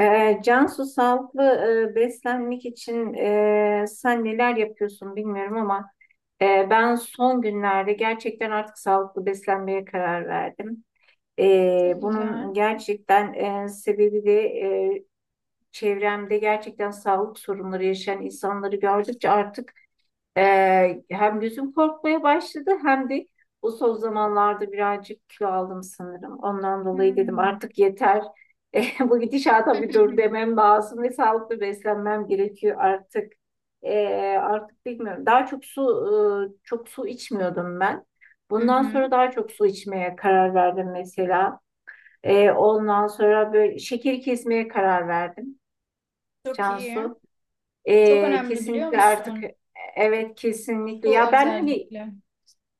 Cansu, sağlıklı beslenmek için sen neler yapıyorsun bilmiyorum ama ben son günlerde gerçekten artık sağlıklı beslenmeye karar verdim. Çok güzel. Bunun gerçekten sebebi de çevremde gerçekten sağlık sorunları yaşayan insanları gördükçe artık hem gözüm korkmaya başladı hem de bu son zamanlarda birazcık kilo aldım sanırım. Ondan dolayı dedim Hmm. artık yeter. Bu Hı gidişata bir hı. dur hı. demem lazım ve sağlıklı beslenmem gerekiyor artık. Artık bilmiyorum. Daha çok su çok su içmiyordum ben. Hı Bundan hı. sonra daha çok su içmeye karar verdim mesela. Ondan sonra böyle şekeri kesmeye karar verdim. Çok iyi. Cansu. Çok önemli biliyor Kesinlikle artık musun? Evet, kesinlikle Su ya, ben hani özellikle.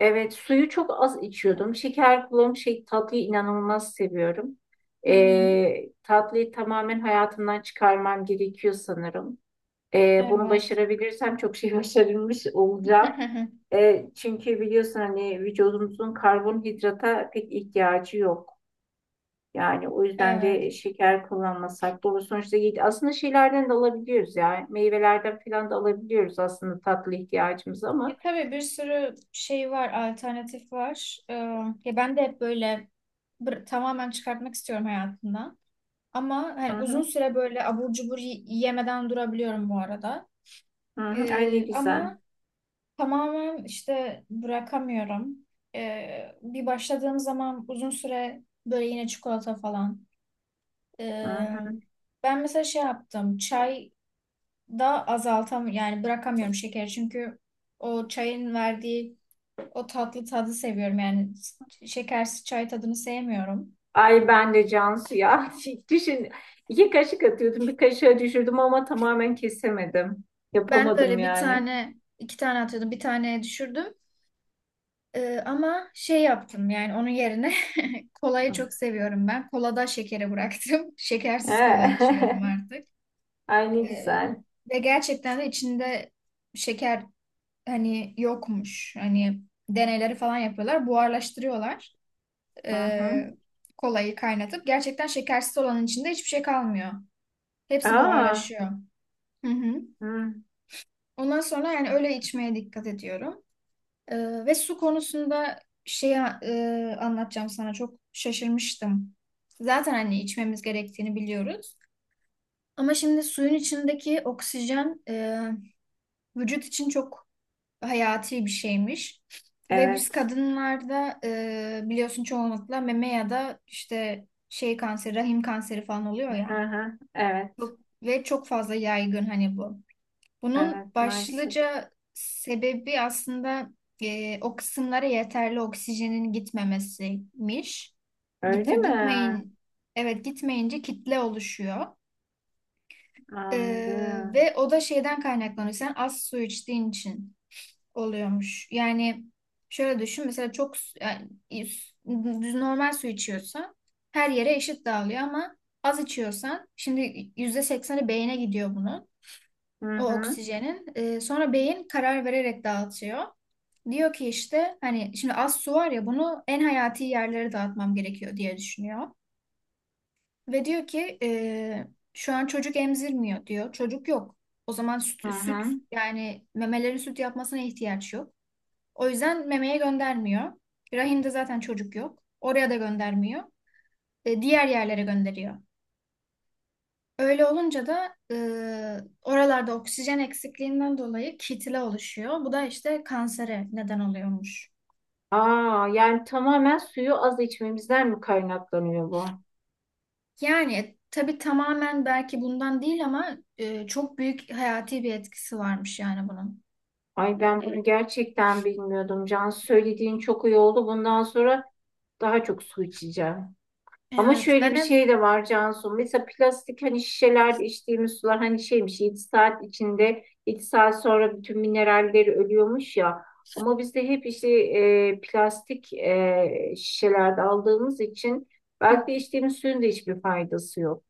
evet, suyu çok az içiyordum, şeker kullanıp şey, tatlıyı inanılmaz seviyorum. Hı hı. Tatlıyı tamamen hayatımdan çıkarmam gerekiyor sanırım. Bunu Evet. başarabilirsem çok şey başarılmış olacağım. Çünkü biliyorsun hani vücudumuzun karbonhidrata pek ihtiyacı yok, yani o yüzden Evet. de şeker kullanmasak doğru, sonuçta iyi. Aslında şeylerden de alabiliyoruz ya. Meyvelerden falan da alabiliyoruz aslında tatlı ihtiyacımız ama. Ya tabii bir sürü şey var, alternatif var. Ya ben de hep böyle tamamen çıkartmak istiyorum hayatımdan. Ama hani Hı uzun hı, süre böyle abur cubur yemeden durabiliyorum bu arada. hı hı. Ay ne güzel. Ama tamamen işte bırakamıyorum. Bir başladığım zaman uzun süre böyle yine çikolata falan. Hı Ee, hı. Ben mesela şey yaptım. Çay da azaltam yani bırakamıyorum şekeri çünkü o çayın verdiği o tatlı tadı seviyorum. Yani şekersiz çay tadını sevmiyorum. Ay ben de Cansu ya. Düşün, iki kaşık atıyordum, bir kaşığa düşürdüm ama tamamen kesemedim. Ben de Yapamadım öyle bir yani. tane iki tane atıyordum. Bir taneye düşürdüm. Ama şey yaptım yani onun yerine kolayı çok seviyorum ben. Kolada şekeri bıraktım. Şekersiz kola Eh. içiyorum artık. Ay ne Ee, güzel. ve gerçekten de içinde şeker hani yokmuş. Hani deneyleri falan yapıyorlar. Buharlaştırıyorlar. Hı hı. Ee, kolayı kaynatıp. Gerçekten şekersiz olanın içinde hiçbir şey kalmıyor. Hepsi Aa, buharlaşıyor. Hı hı. hı. Ondan sonra yani öyle içmeye dikkat ediyorum. Ve su konusunda şeyi anlatacağım sana çok şaşırmıştım. Zaten hani içmemiz gerektiğini biliyoruz. Ama şimdi suyun içindeki oksijen vücut için çok hayati bir şeymiş. Ve biz Evet. kadınlarda biliyorsun çoğunlukla meme ya da işte şey kanseri, rahim kanseri falan oluyor Hı ya. hı. Evet. Ve çok fazla yaygın hani bu. Bunun Evet maalesef. başlıca sebebi aslında o kısımlara yeterli oksijenin gitmemesiymiş. Git, Öyle mi? gitmeyin, evet gitmeyince kitle oluşuyor. E, Anladım. ve o da şeyden kaynaklanıyor. Sen az su içtiğin için oluyormuş. Yani şöyle düşün mesela yani, düz normal su içiyorsan her yere eşit dağılıyor ama az içiyorsan şimdi %80'i beyne gidiyor bunun Hı o hı. oksijenin. Sonra beyin karar vererek dağıtıyor. Diyor ki işte hani şimdi az su var ya bunu en hayati yerlere dağıtmam gerekiyor diye düşünüyor. Ve diyor ki şu an çocuk emzirmiyor diyor. Çocuk yok. O zaman Hı hı. süt yani memelerin süt yapmasına ihtiyaç yok. O yüzden memeye göndermiyor. Rahimde zaten çocuk yok. Oraya da göndermiyor. Diğer yerlere gönderiyor. Öyle olunca da oralarda oksijen eksikliğinden dolayı kitle oluşuyor. Bu da işte kansere neden oluyormuş. Aa, yani tamamen suyu az içmemizden mi kaynaklanıyor bu? Yani tabii tamamen belki bundan değil ama çok büyük hayati bir etkisi varmış yani bunun. Ay ben bunu gerçekten bilmiyordum. Can, söylediğin çok iyi oldu. Bundan sonra daha çok su içeceğim. Ama Evet, şöyle ben bir hep şey de var Cansu. Mesela plastik hani şişelerde içtiğimiz sular hani şeymiş, 7 saat içinde, 7 saat sonra bütün mineralleri ölüyormuş ya. Ama biz de hep işte plastik şişelerde aldığımız için belki de içtiğimiz suyun da hiçbir faydası yok.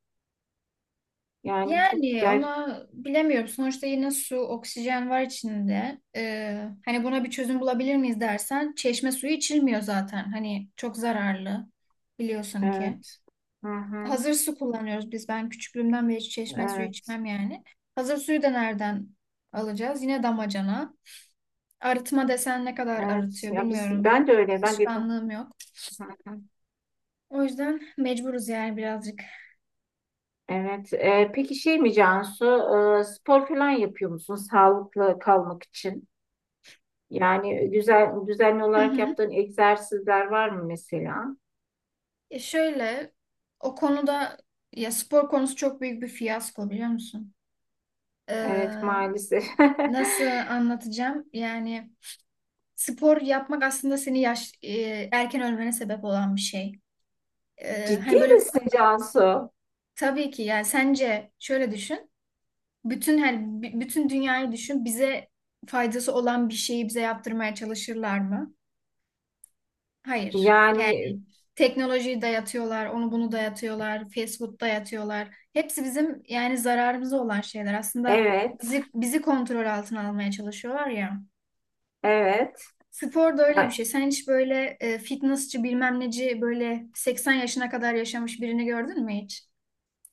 Yani çok yani ger ona bilemiyorum. Sonuçta yine su, oksijen var içinde. Hani buna bir çözüm bulabilir miyiz dersen, çeşme suyu içilmiyor zaten. Hani çok zararlı biliyorsun ki. evet. Hı hı. Hazır su kullanıyoruz biz. Ben küçüklüğümden beri hiç çeşme suyu Evet. içmem yani. Hazır suyu da nereden alacağız? Yine damacana. Arıtma desen ne kadar Evet. arıtıyor Ya biz, bilmiyorum. ben de öyle. Ben de Alışkanlığım yok. hı hı. O yüzden mecburuz yani birazcık. Evet. E, peki şey mi Cansu? E, spor falan yapıyor musun sağlıklı kalmak için? Yani güzel, düzenli Hı olarak hı. yaptığın egzersizler var mı mesela? E şöyle o konuda ya spor konusu çok büyük bir fiyasko biliyor musun? Evet Ee, maalesef. nasıl anlatacağım? Yani spor yapmak aslında seni erken ölmene sebep olan bir şey. Ciddi Hani böyle misin Cansu? Tabii ki yani sence şöyle düşün. Bütün bütün dünyayı düşün. Bize faydası olan bir şeyi bize yaptırmaya çalışırlar mı? Hayır. Yani Yani teknolojiyi dayatıyorlar, onu bunu dayatıyorlar, fast food dayatıyorlar. Hepsi bizim yani zararımıza olan şeyler. Aslında evet, bizi kontrol altına almaya çalışıyorlar ya. evet. Spor da öyle bir Ha, şey. Sen hiç böyle fitnessçi bilmem neci böyle 80 yaşına kadar yaşamış birini gördün mü hiç?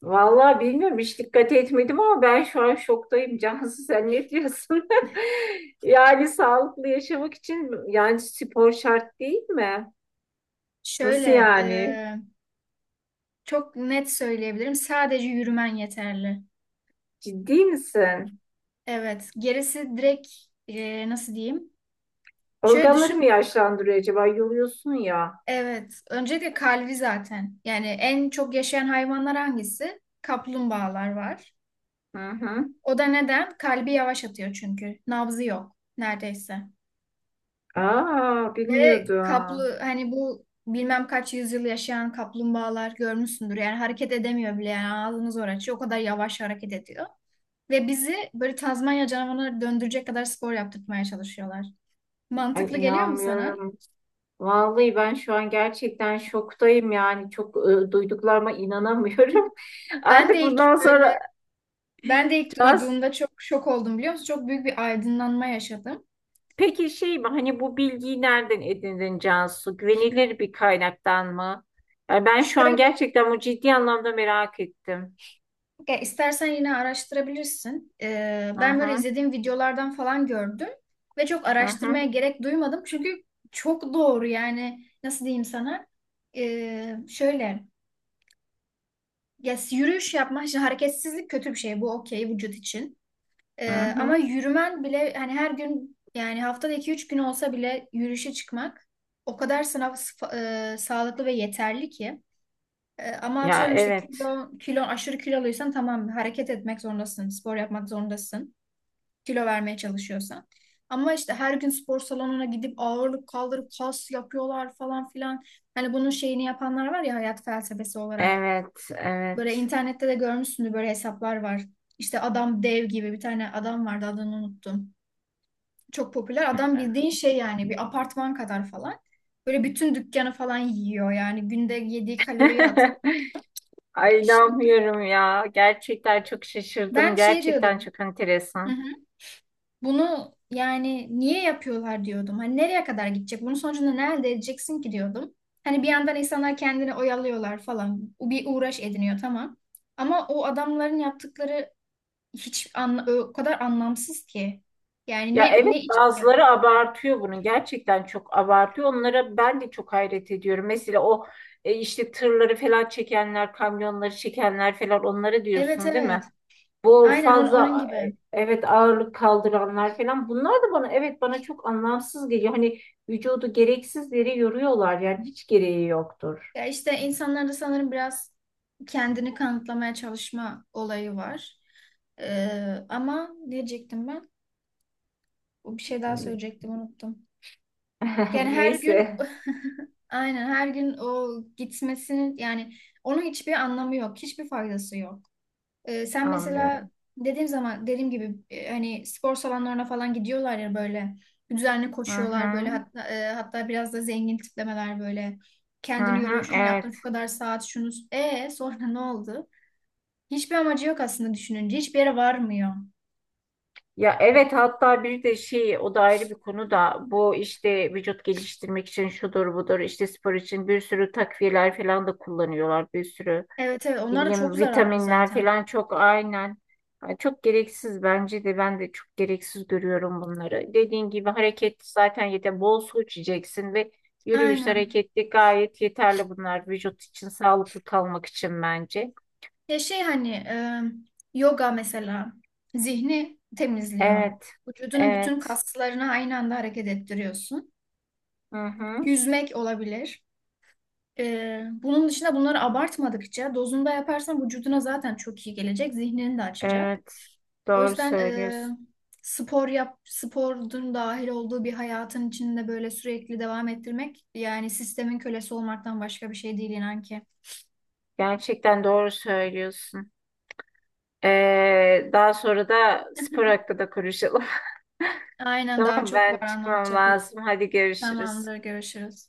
vallahi bilmiyorum, hiç dikkat etmedim ama ben şu an şoktayım Cansu, sen ne diyorsun? Yani sağlıklı yaşamak için yani spor şart değil mi? Nasıl Şöyle e, yani? Çok net söyleyebilirim. Sadece yürümen yeterli. Ciddi misin? Evet. Gerisi direkt nasıl diyeyim? Şöyle Organları mı düşün. yaşlandırıyor acaba? Yoruyorsun ya. Evet. Öncelikle kalbi zaten. Yani en çok yaşayan hayvanlar hangisi? Kaplumbağalar var. Hı hı. O da neden? Kalbi yavaş atıyor çünkü. Nabzı yok neredeyse. Aa, Ve bilmiyordum. kaplı hani bu bilmem kaç yüzyıl yaşayan kaplumbağalar görmüşsündür. Yani hareket edemiyor bile. Yani ağzını zor açıyor. O kadar yavaş hareket ediyor. Ve bizi böyle Tazmanya canavarına döndürecek kadar spor yaptırmaya çalışıyorlar. Ay Mantıklı geliyor mu sana? inanmıyorum. Vallahi ben şu an gerçekten şoktayım, yani çok duyduklarıma inanamıyorum. Ben Artık de bundan ilk böyle sonra ben de ilk Cansu, duyduğumda çok şok oldum biliyor musun? Çok büyük bir aydınlanma yaşadım. peki şey mi, hani bu bilgiyi nereden edindin Cansu? Güvenilir bir kaynaktan mı? Yani ben şu an Şöyle gerçekten bu ciddi anlamda merak ettim. ya istersen yine araştırabilirsin. Hı Ben böyle hı, izlediğim videolardan falan gördüm ve çok hı hı, araştırmaya gerek duymadım. Çünkü çok doğru yani nasıl diyeyim sana? Şöyle ya yürüyüş yapmak, şimdi hareketsizlik kötü bir şey. Bu okey vücut için. hı Ama hı. yürümen bile hani her gün yani haftada 2 üç gün olsa bile yürüyüşe çıkmak o kadar sağlıklı ve yeterli ki. Ama Ya atıyorum işte evet, kilo aşırı kiloluysan tamam hareket etmek zorundasın, spor yapmak zorundasın. Kilo vermeye çalışıyorsan. Ama işte her gün spor salonuna gidip ağırlık kaldırıp kas yapıyorlar falan filan. Hani bunun şeyini yapanlar var ya hayat felsefesi olarak. evet, Böyle evet. internette de görmüşsündür böyle hesaplar var. İşte adam dev gibi bir tane adam vardı adını unuttum çok popüler. Adam bildiğin şey yani bir apartman kadar falan. Böyle bütün dükkanı falan yiyor yani günde yediği kaloriyi hat. Ay Şimdi inanmıyorum ya. Gerçekten çok şaşırdım. ben şey Gerçekten diyordum. çok Hı enteresan. hı. Bunu yani niye yapıyorlar diyordum. Hani nereye kadar gidecek? Bunun sonucunda ne elde edeceksin ki diyordum. Hani bir yandan insanlar kendini oyalıyorlar falan. Bir uğraş ediniyor tamam. Ama o adamların yaptıkları o kadar anlamsız ki. Yani Ya evet, ne için bazıları yapıyor? abartıyor bunu. Gerçekten çok abartıyor. Onlara ben de çok hayret ediyorum. Mesela o işte tırları falan çekenler, kamyonları çekenler falan, onlara Evet, diyorsun değil mi? evet. Bu Aynen onun fazla gibi. Evet, ağırlık kaldıranlar falan. Bunlar da bana, evet, bana çok anlamsız geliyor. Hani vücudu gereksiz yere yoruyorlar. Yani hiç gereği yoktur. Ya işte insanlarda sanırım biraz kendini kanıtlamaya çalışma olayı var. Ama ne diyecektim ben? Bir şey daha söyleyecektim unuttum. Yani her gün Neyse, aynen her gün o gitmesinin yani onun hiçbir anlamı yok. Hiçbir faydası yok. Sen mesela anlıyorum. dediğim zaman dediğim gibi hani spor salonlarına falan gidiyorlar ya böyle düzenli Hı hı. koşuyorlar böyle hatta, hatta biraz da zengin tiplemeler böyle Hı kendini yoruyor hı, şunu yaptın evet. şu kadar saat şunu e sonra ne oldu? Hiçbir amacı yok aslında düşününce hiçbir yere varmıyor. Ya evet, hatta bir de şey, o da ayrı bir konu da, bu işte vücut geliştirmek için şudur budur işte spor için bir sürü takviyeler falan da kullanıyorlar, bir sürü Evet, evet ne onlar da çok bileyim zararlı vitaminler zaten. falan, çok aynen. Yani çok gereksiz, bence de ben de çok gereksiz görüyorum bunları. Dediğin gibi hareket zaten yeter, bol su içeceksin ve yürüyüş, Aynen. hareketli, gayet yeterli bunlar vücut için, sağlıklı kalmak için bence. Ya şey hani yoga mesela zihni temizliyor. Evet, Vücudunun bütün evet. kaslarını aynı anda hareket ettiriyorsun. Hı hı. Yüzmek olabilir. Bunun dışında bunları abartmadıkça dozunda yaparsan vücuduna zaten çok iyi gelecek, zihnini de açacak. Evet, O doğru yüzden söylüyorsun. spor yap, sporun dahil olduğu bir hayatın içinde böyle sürekli devam ettirmek yani sistemin kölesi olmaktan başka bir şey değil inan ki. Gerçekten doğru söylüyorsun. Daha sonra da spor hakkında konuşalım. Aynen daha Tamam, çok ben var çıkmam anlatacaklar. lazım. Hadi görüşürüz. Tamamdır, görüşürüz.